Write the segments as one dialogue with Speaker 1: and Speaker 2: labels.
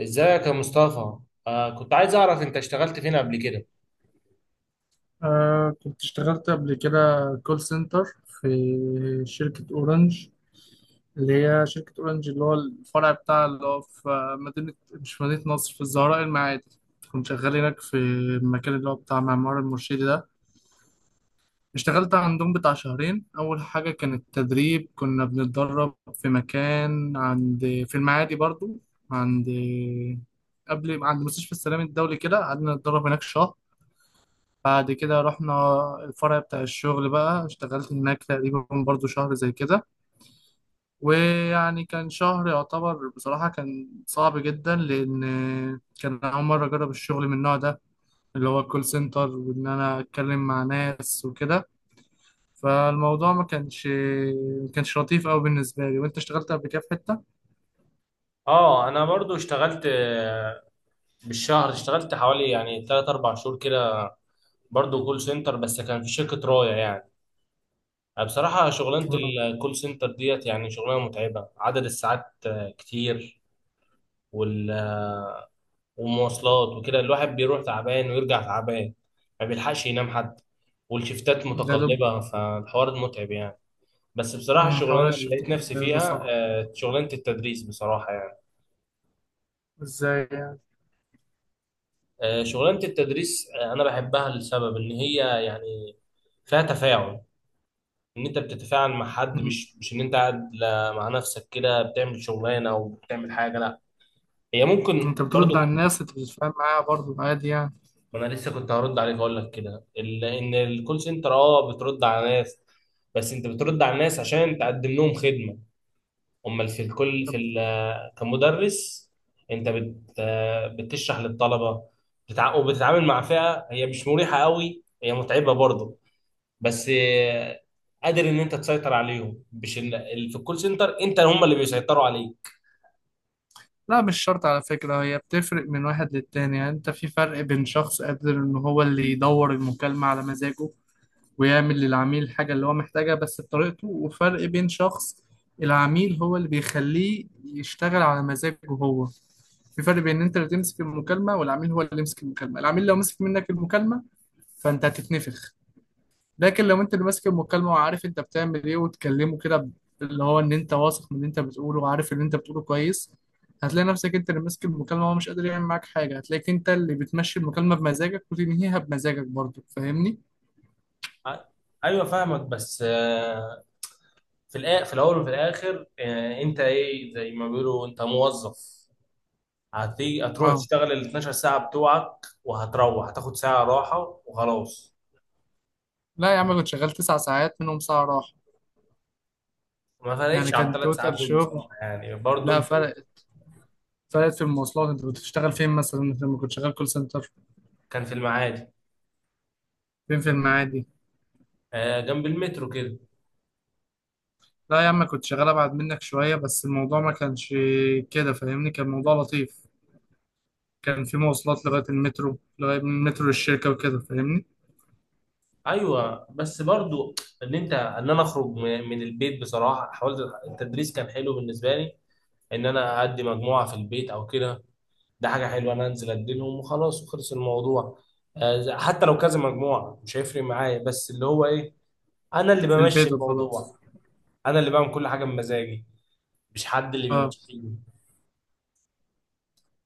Speaker 1: ازيك يا مصطفى؟ كنت عايز اعرف انت اشتغلت فين قبل كده؟
Speaker 2: آه، كنت اشتغلت قبل كده كول سنتر في شركة أورنج. اللي هي شركة أورنج اللي هو الفرع بتاع اللي هو في مش في مدينة نصر، في الزهراء المعادي. كنت شغال هناك في المكان اللي هو بتاع معمار المرشدي ده. اشتغلت عندهم بتاع شهرين. أول حاجة كانت تدريب، كنا بنتدرب في مكان عند، في المعادي برضو، عند، قبل عند مستشفى السلام الدولي كده. قعدنا نتدرب هناك شهر، بعد كده رحنا الفرع بتاع الشغل بقى. اشتغلت هناك تقريبا برضو شهر زي كده. ويعني كان شهر يعتبر بصراحة كان صعب جدا، لأن كان أول مرة أجرب الشغل من النوع ده اللي هو الكول سنتر، وإن أنا أتكلم مع ناس وكده. فالموضوع ما كانش لطيف أوي بالنسبة لي. وأنت اشتغلت قبل كده في حتة؟
Speaker 1: اه، انا برضو اشتغلت. بالشهر اشتغلت حوالي يعني 3 4 شهور كده، برضو كول سنتر، بس كان في شركة راية يعني. أنا بصراحة شغلانة
Speaker 2: آه.
Speaker 1: الكول سنتر ديت يعني شغلانة متعبة، عدد الساعات كتير، وال- والمواصلات وكده، الواحد بيروح تعبان ويرجع تعبان، ما بيلحقش ينام حد، والشفتات
Speaker 2: ده دب.
Speaker 1: متقلبة، فالحوار متعب يعني. بس بصراحة
Speaker 2: مم، حوار
Speaker 1: الشغلانة اللي
Speaker 2: الشفت
Speaker 1: لقيت نفسي
Speaker 2: ده
Speaker 1: فيها
Speaker 2: صعب.
Speaker 1: شغلانة التدريس بصراحة يعني.
Speaker 2: إزاي يعني؟
Speaker 1: شغلانة التدريس. أنا بحبها لسبب إن هي يعني فيها تفاعل. ان انت بتتفاعل مع حد،
Speaker 2: مم.
Speaker 1: مش ان انت قاعد مع نفسك كده بتعمل شغلانه او بتعمل حاجه. هي ممكن
Speaker 2: أنت بترد على
Speaker 1: برضو.
Speaker 2: الناس، أنت بتتفاهم معاها برضو عادي يعني؟
Speaker 1: ما انا لسه كنت هرد عليك، اقول لك كده ان الكول سنتر بترد على ناس، بس انت بترد على الناس عشان تقدم لهم خدمه. امال في الكل في كمدرس، انت بت بتشرح للطلبه، وبتتعامل مع فئه هي مش مريحه قوي، هي متعبه برضو، بس قادر ان انت تسيطر عليهم، مش في الكول سنتر انت هم اللي بيسيطروا عليك.
Speaker 2: لا، مش شرط على فكرة. هي بتفرق من واحد للتاني، يعني انت في فرق بين شخص قادر ان هو اللي يدور المكالمة على مزاجه ويعمل للعميل الحاجة اللي هو محتاجها بس بطريقته، وفرق بين شخص العميل هو اللي بيخليه يشتغل على مزاجه هو. في فرق بين ان انت اللي تمسك المكالمة والعميل هو اللي يمسك المكالمة. العميل لو مسك منك المكالمة فانت هتتنفخ، لكن لو انت اللي ماسك المكالمه وعارف انت بتعمل ايه وتكلمه كده اللي هو ان انت واثق من اللي انت بتقوله وعارف اللي انت بتقوله كويس، هتلاقي نفسك انت اللي ماسك المكالمه وهو مش قادر يعمل معاك حاجه. هتلاقيك انت اللي بتمشي المكالمه بمزاجك وتنهيها بمزاجك برضه، فاهمني؟
Speaker 1: ع- ايوه فاهمك، بس في في الاول وفي الاخر انت ايه، زي ما بيقولوا انت موظف، هتيجي هتروح
Speaker 2: اه.
Speaker 1: تشتغل ال 12 ساعه بتوعك، وهتروح هتاخد ساعه راحه وخلاص.
Speaker 2: لا يا عم، كنت شغال 9 ساعات منهم ساعه راحه،
Speaker 1: ما
Speaker 2: يعني
Speaker 1: فرقتش على
Speaker 2: كان
Speaker 1: الثلاث ساعات
Speaker 2: توتال
Speaker 1: دول
Speaker 2: شغل.
Speaker 1: بصراحه يعني، برضو
Speaker 2: لا،
Speaker 1: انت.
Speaker 2: فرقت في المواصلات. انت كنت بتشتغل فين مثلا انت لما كنت شغال كول سنتر؟
Speaker 1: كان في المعادي،
Speaker 2: فين في المعادي؟
Speaker 1: جنب المترو كده.
Speaker 2: لا يا عم، كنت شغال ابعد منك شويه، بس الموضوع ما كانش كده فاهمني، كان موضوع لطيف. كان في مواصلات لغاية المترو، لغاية من المترو للشركة وكده، فاهمني.
Speaker 1: ايوه بس برضو، ان انا اخرج من البيت. بصراحه حاولت التدريس، كان حلو بالنسبه لي، ان انا ادي مجموعه في البيت او كده، ده حاجه حلوه. انا انزل اديلهم وخلاص، وخلص الموضوع. حتى لو كذا مجموعه مش هيفرق معايا، بس اللي هو ايه، انا اللي
Speaker 2: في
Speaker 1: بمشي
Speaker 2: البيت وخلاص.
Speaker 1: الموضوع، انا اللي بعمل كل حاجه بمزاجي، مش حد اللي
Speaker 2: اه.
Speaker 1: بيمشيني.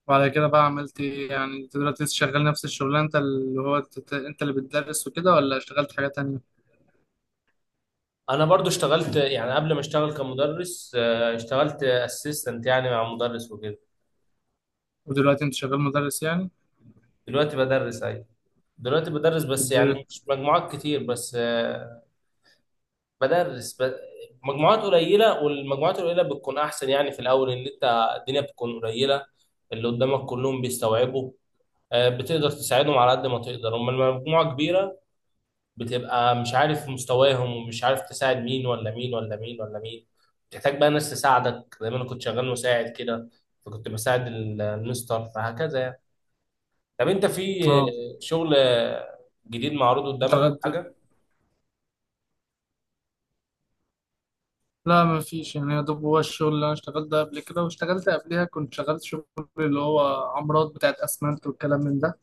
Speaker 2: وعلى كده بقى عملت ايه؟ يعني انت دلوقتي لسه شغال نفس الشغلانة، انت اللي هو انت اللي بتدرس وكده، ولا اشتغلت حاجة تانية؟
Speaker 1: انا برضو اشتغلت يعني قبل ما اشتغل كمدرس، اشتغلت اسيستنت يعني مع مدرس وكده.
Speaker 2: ودلوقتي انت شغال مدرس يعني؟
Speaker 1: دلوقتي بدرس، ايوه. دلوقتي بدرس، بس
Speaker 2: بتدرس.
Speaker 1: يعني مش مجموعات كتير، بس بدرس ب... مجموعات قليله، والمجموعات القليله بتكون احسن يعني. في الاول ان انت الدنيا بتكون قليله، اللي قدامك كلهم بيستوعبوا، بتقدر تساعدهم على قد ما تقدر. اما المجموعه كبيره، بتبقى مش عارف مستواهم، ومش عارف تساعد مين ولا مين ولا مين ولا مين، بتحتاج بقى ناس تساعدك، زي ما انا كنت شغال مساعد كده، فكنت بساعد المستر، فهكذا يعني. طب انت في
Speaker 2: اه.
Speaker 1: شغل جديد معروض
Speaker 2: انت
Speaker 1: قدامك او
Speaker 2: غد...
Speaker 1: حاجه؟
Speaker 2: لا ما فيش، يعني يا دوب هو الشغل اللي انا اشتغلت ده قبل كده. واشتغلت قبليها كنت شغلت شغل اللي هو عمارات بتاعت اسمنت والكلام من ده،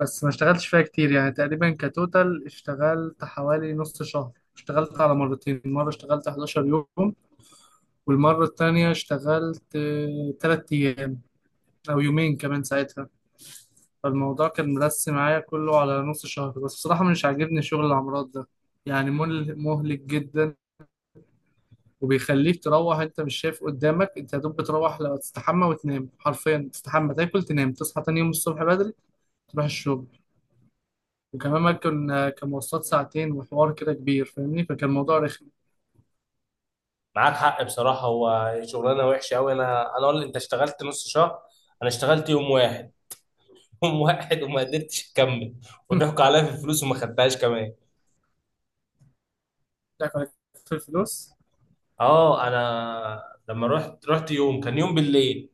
Speaker 2: بس ما اشتغلتش فيها كتير. يعني تقريبا كتوتال اشتغلت حوالي نص شهر، اشتغلت على مرتين. مرة اشتغلت 11 يوم، والمرة التانية اشتغلت 3 أيام أو يومين كمان ساعتها. فالموضوع كان مرسي معايا كله على نص شهر، بس بصراحة مش عاجبني شغل العمارات ده. يعني مهلك جدا، وبيخليك تروح انت مش شايف قدامك. انت يا دوب بتروح لو تستحمى وتنام، حرفيا تستحمى تاكل تنام تصحى تاني يوم الصبح بدري تروح الشغل. وكمان ما كان كان مواصلات ساعتين وحوار كده كبير فاهمني، فكان الموضوع رخم.
Speaker 1: معاك حق بصراحة، هو شغلانة وحشة أوي. أنا أقول لي أنت اشتغلت نص شهر، أنا اشتغلت يوم واحد. يوم واحد، وما قدرتش أكمل، وضحكوا عليا في الفلوس، وما خدتهاش كمان.
Speaker 2: ضحك عليك في الفلوس.
Speaker 1: أه، أنا لما رحت، رحت يوم، كان يوم بالليل،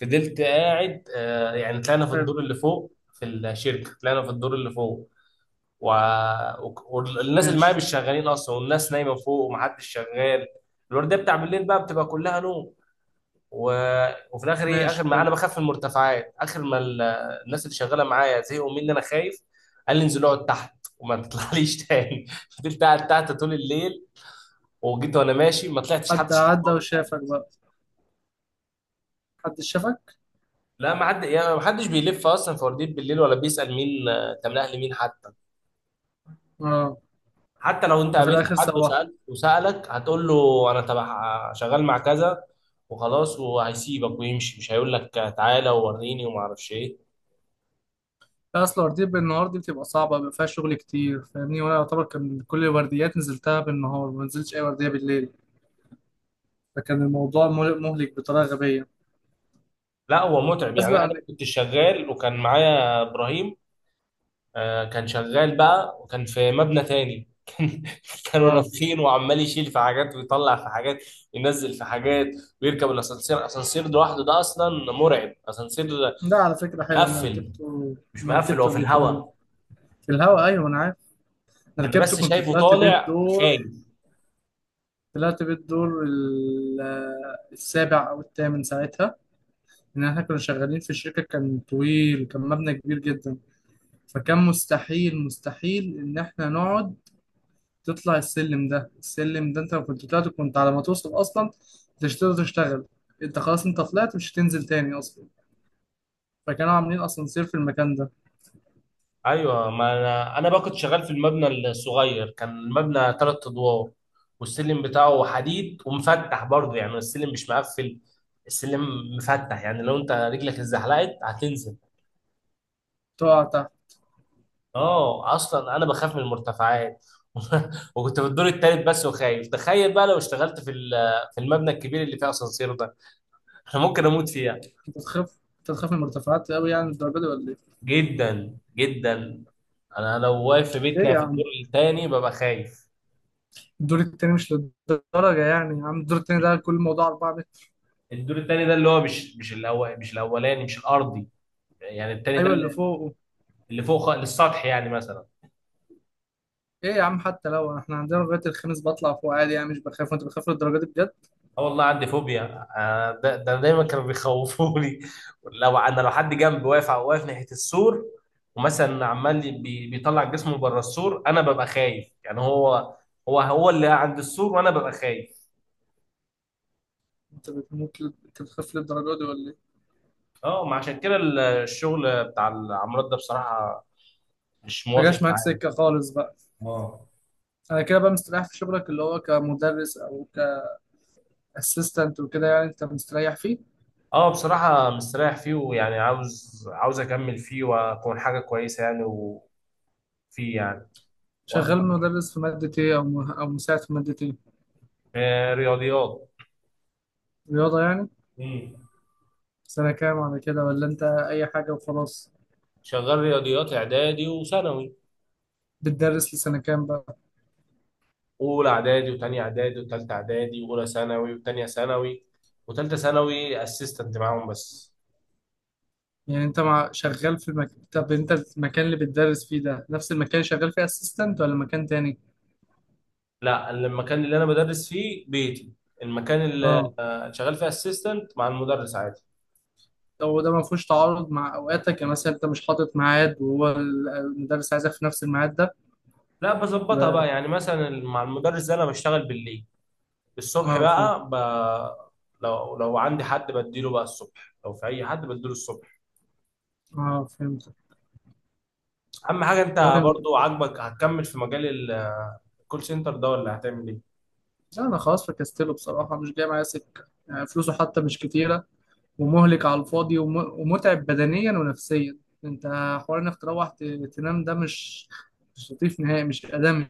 Speaker 1: فضلت قاعد. يعني طلعنا في
Speaker 2: حلو.
Speaker 1: الدور اللي فوق، في الشركة طلعنا في الدور اللي فوق، و... والناس اللي معايا
Speaker 2: ماشي.
Speaker 1: مش شغالين أصلا، والناس نايمة فوق، ومحدش شغال. الوردية بتاع بالليل بقى بتبقى كلها نوم، و... وفي الاخر ايه، اخر
Speaker 2: ماشي
Speaker 1: ما انا
Speaker 2: حلو.
Speaker 1: بخاف من المرتفعات، اخر ما ال... الناس اللي شغاله معايا زهقوا مني انا خايف، قال لي انزل اقعد تحت وما تطلعليش تاني. فضلت قاعد تحت طول الليل، وجيت وانا ماشي ما طلعتش،
Speaker 2: حد
Speaker 1: حتى شفت
Speaker 2: عدى
Speaker 1: بعض حاجه.
Speaker 2: وشافك بقى؟ حد شافك؟
Speaker 1: لا، ما حد يعني، ما حدش بيلف اصلا في ورديه بالليل، ولا بيسال مين، انت من اهل مين حتى،
Speaker 2: اه.
Speaker 1: حتى لو انت
Speaker 2: ففي
Speaker 1: قابلت
Speaker 2: الاخر
Speaker 1: حد
Speaker 2: سوحه.
Speaker 1: وسالت، وسالك، هتقول له انا تبع شغال مع كذا، وخلاص وهيسيبك ويمشي، مش هيقول لك تعالى ووريني وما اعرفش ايه.
Speaker 2: لا، اصل ورديه بالنهار دي بتبقى صعبه، بيبقى فيها شغل كتير فاهمني. وانا يعتبر كان كل الورديات نزلتها بالنهار، ما نزلتش اي ورديه بالليل. فكان الموضوع مهلك مهلك بطريقه غبيه.
Speaker 1: لا، هو متعب
Speaker 2: بس
Speaker 1: يعني. انا
Speaker 2: بقى.
Speaker 1: كنت شغال وكان معايا ابراهيم، كان شغال بقى، وكان في مبنى تاني. كانوا
Speaker 2: اه.
Speaker 1: نافخين وعمال يشيل في حاجات، ويطلع في حاجات، ينزل في حاجات، ويركب الاسانسير. اسانسير لوحده ده اصلا مرعب، اسانسير
Speaker 2: ده على فكره
Speaker 1: مش
Speaker 2: حلو، انا
Speaker 1: مقفل،
Speaker 2: ركبته.
Speaker 1: مش
Speaker 2: انا
Speaker 1: مقفل، هو
Speaker 2: ركبته
Speaker 1: في
Speaker 2: قبل كده.
Speaker 1: الهواء.
Speaker 2: في الهوا، ايوه انا عارف. أنا
Speaker 1: انا
Speaker 2: ركبته
Speaker 1: بس
Speaker 2: كنت
Speaker 1: شايفه
Speaker 2: طلعت بيه
Speaker 1: طالع
Speaker 2: الدور.
Speaker 1: خايف.
Speaker 2: طلعت بالدور السابع او الثامن ساعتها، ان احنا كنا شغالين في شركه. كان طويل، كان مبنى كبير جدا. فكان مستحيل مستحيل ان احنا نقعد تطلع السلم ده. السلم ده انت لو كنت طلعت كنت على ما توصل اصلا مش هتقدر تشتغل. انت خلاص انت طلعت مش هتنزل تاني اصلا، فكانوا عاملين اسانسير في المكان ده.
Speaker 1: ايوه، ما انا بقى كنت شغال في المبنى الصغير، كان المبنى ثلاث ادوار، والسلم بتاعه حديد ومفتح برضه، يعني السلم مش مقفل، السلم مفتح، يعني لو انت رجلك اتزحلقت هتنزل.
Speaker 2: تقع تحت.
Speaker 1: اه اصلا انا بخاف من المرتفعات. وكنت في الدور التالت بس وخايف، تخيل بقى لو اشتغلت في في المبنى الكبير اللي فيه اسانسير ده. انا ممكن اموت فيها.
Speaker 2: انت تخاف، انت تخاف من المرتفعات قوي، يعني الدرجه دي ولا ايه؟
Speaker 1: جدا جدا، انا لو واقف في
Speaker 2: ليه
Speaker 1: بيتنا
Speaker 2: يا
Speaker 1: في الدور
Speaker 2: عم؟
Speaker 1: التاني ببقى خايف.
Speaker 2: الدور التاني مش للدرجه، يعني يا عم الدور التاني ده كل الموضوع 4 متر.
Speaker 1: الدور التاني ده اللي هو مش الأول، مش الأولاني، مش الأرضي، يعني التاني ده
Speaker 2: ايوه اللي
Speaker 1: اللي
Speaker 2: فوق.
Speaker 1: اللي فوق للسطح يعني مثلا.
Speaker 2: ايه يا عم، حتى لو احنا عندنا لغايه الخميس بطلع فوق عادي، يعني مش بخاف. وانت بتخاف للدرجه دي بجد؟
Speaker 1: اه والله عندي فوبيا. ده دايما كانوا بيخوفوني. لو حد جنبي واقف، واقف ناحية السور، ومثلا عمال بيطلع جسمه بره السور، انا ببقى خايف، يعني هو، هو اللي عند السور، وانا ببقى خايف.
Speaker 2: انت بتموت انت بتخاف للدرجه دي ولا ايه؟
Speaker 1: اه، ما عشان كده الشغل بتاع العمارات ده بصراحة مش
Speaker 2: ما
Speaker 1: موافق
Speaker 2: جاش معاك
Speaker 1: معايا.
Speaker 2: سكه خالص بقى.
Speaker 1: اه،
Speaker 2: انا كده بقى مستريح في شغلك اللي هو كمدرس او كاسيستنت وكده، يعني انت مستريح فيه.
Speaker 1: اه بصراحة مستريح فيه، ويعني عاوز، أكمل فيه وأكون حاجة كويسة يعني، وفيه يعني،
Speaker 2: شغال
Speaker 1: وأكبر فيه.
Speaker 2: مدرس في ماده ايه، او او مساعد في ماده ايه؟
Speaker 1: رياضيات.
Speaker 2: رياضه يعني؟
Speaker 1: مم.
Speaker 2: سنه كام على كده، ولا انت اي حاجه وخلاص؟
Speaker 1: شغال رياضيات إعدادي وثانوي.
Speaker 2: بتدرس لسنه كام بقى؟
Speaker 1: أولى إعدادي وتانية إعدادي وتالتة إعدادي وأولى ثانوي وتانية ثانوي وتالتة ثانوي أسيستنت معاهم بس.
Speaker 2: يعني انت مع شغال في المكتب، انت المكان اللي بتدرس فيه ده نفس المكان اللي شغال فيه اسيستنت ولا مكان تاني؟
Speaker 1: لا، المكان اللي أنا بدرس فيه بيتي، المكان
Speaker 2: اه.
Speaker 1: اللي شغال فيه أسيستنت مع المدرس عادي.
Speaker 2: لو ده ما فيهوش تعارض مع اوقاتك، يعني مثلا انت مش حاطط ميعاد وهو المدرس عايزك في نفس الميعاد ده.
Speaker 1: لا، بظبطها
Speaker 2: يبقى.
Speaker 1: بقى، يعني مثلا مع المدرس ده أنا بشتغل بالليل، الصبح
Speaker 2: اه فهمت.
Speaker 1: بقى لو عندي حد بديله بقى الصبح، لو في اي حد بديله الصبح.
Speaker 2: اه فهمت.
Speaker 1: اهم حاجه انت
Speaker 2: تمام.
Speaker 1: برضو عاجبك، هتكمل في مجال الكول سنتر ده، ولا هتعمل ايه؟
Speaker 2: لا انا خلاص فكستله بصراحه، مش جاي معايا سكه، يعني فلوسه حتى مش كتيره، ومهلك على الفاضي، ومتعب بدنيا ونفسيا. انت حوار انك تروح تنام ده مش مش لطيف نهائي، مش ادمي.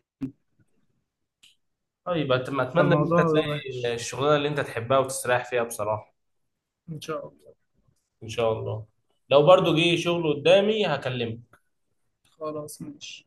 Speaker 1: طيب، اتمنى ان انت
Speaker 2: فالموضوع
Speaker 1: تلاقي
Speaker 2: وحش.
Speaker 1: الشغلانه اللي انت تحبها وتستريح فيها بصراحه.
Speaker 2: ان شاء الله.
Speaker 1: ان شاء الله. لو برضو جه شغل قدامي هكلمك.
Speaker 2: خلاص ماشي.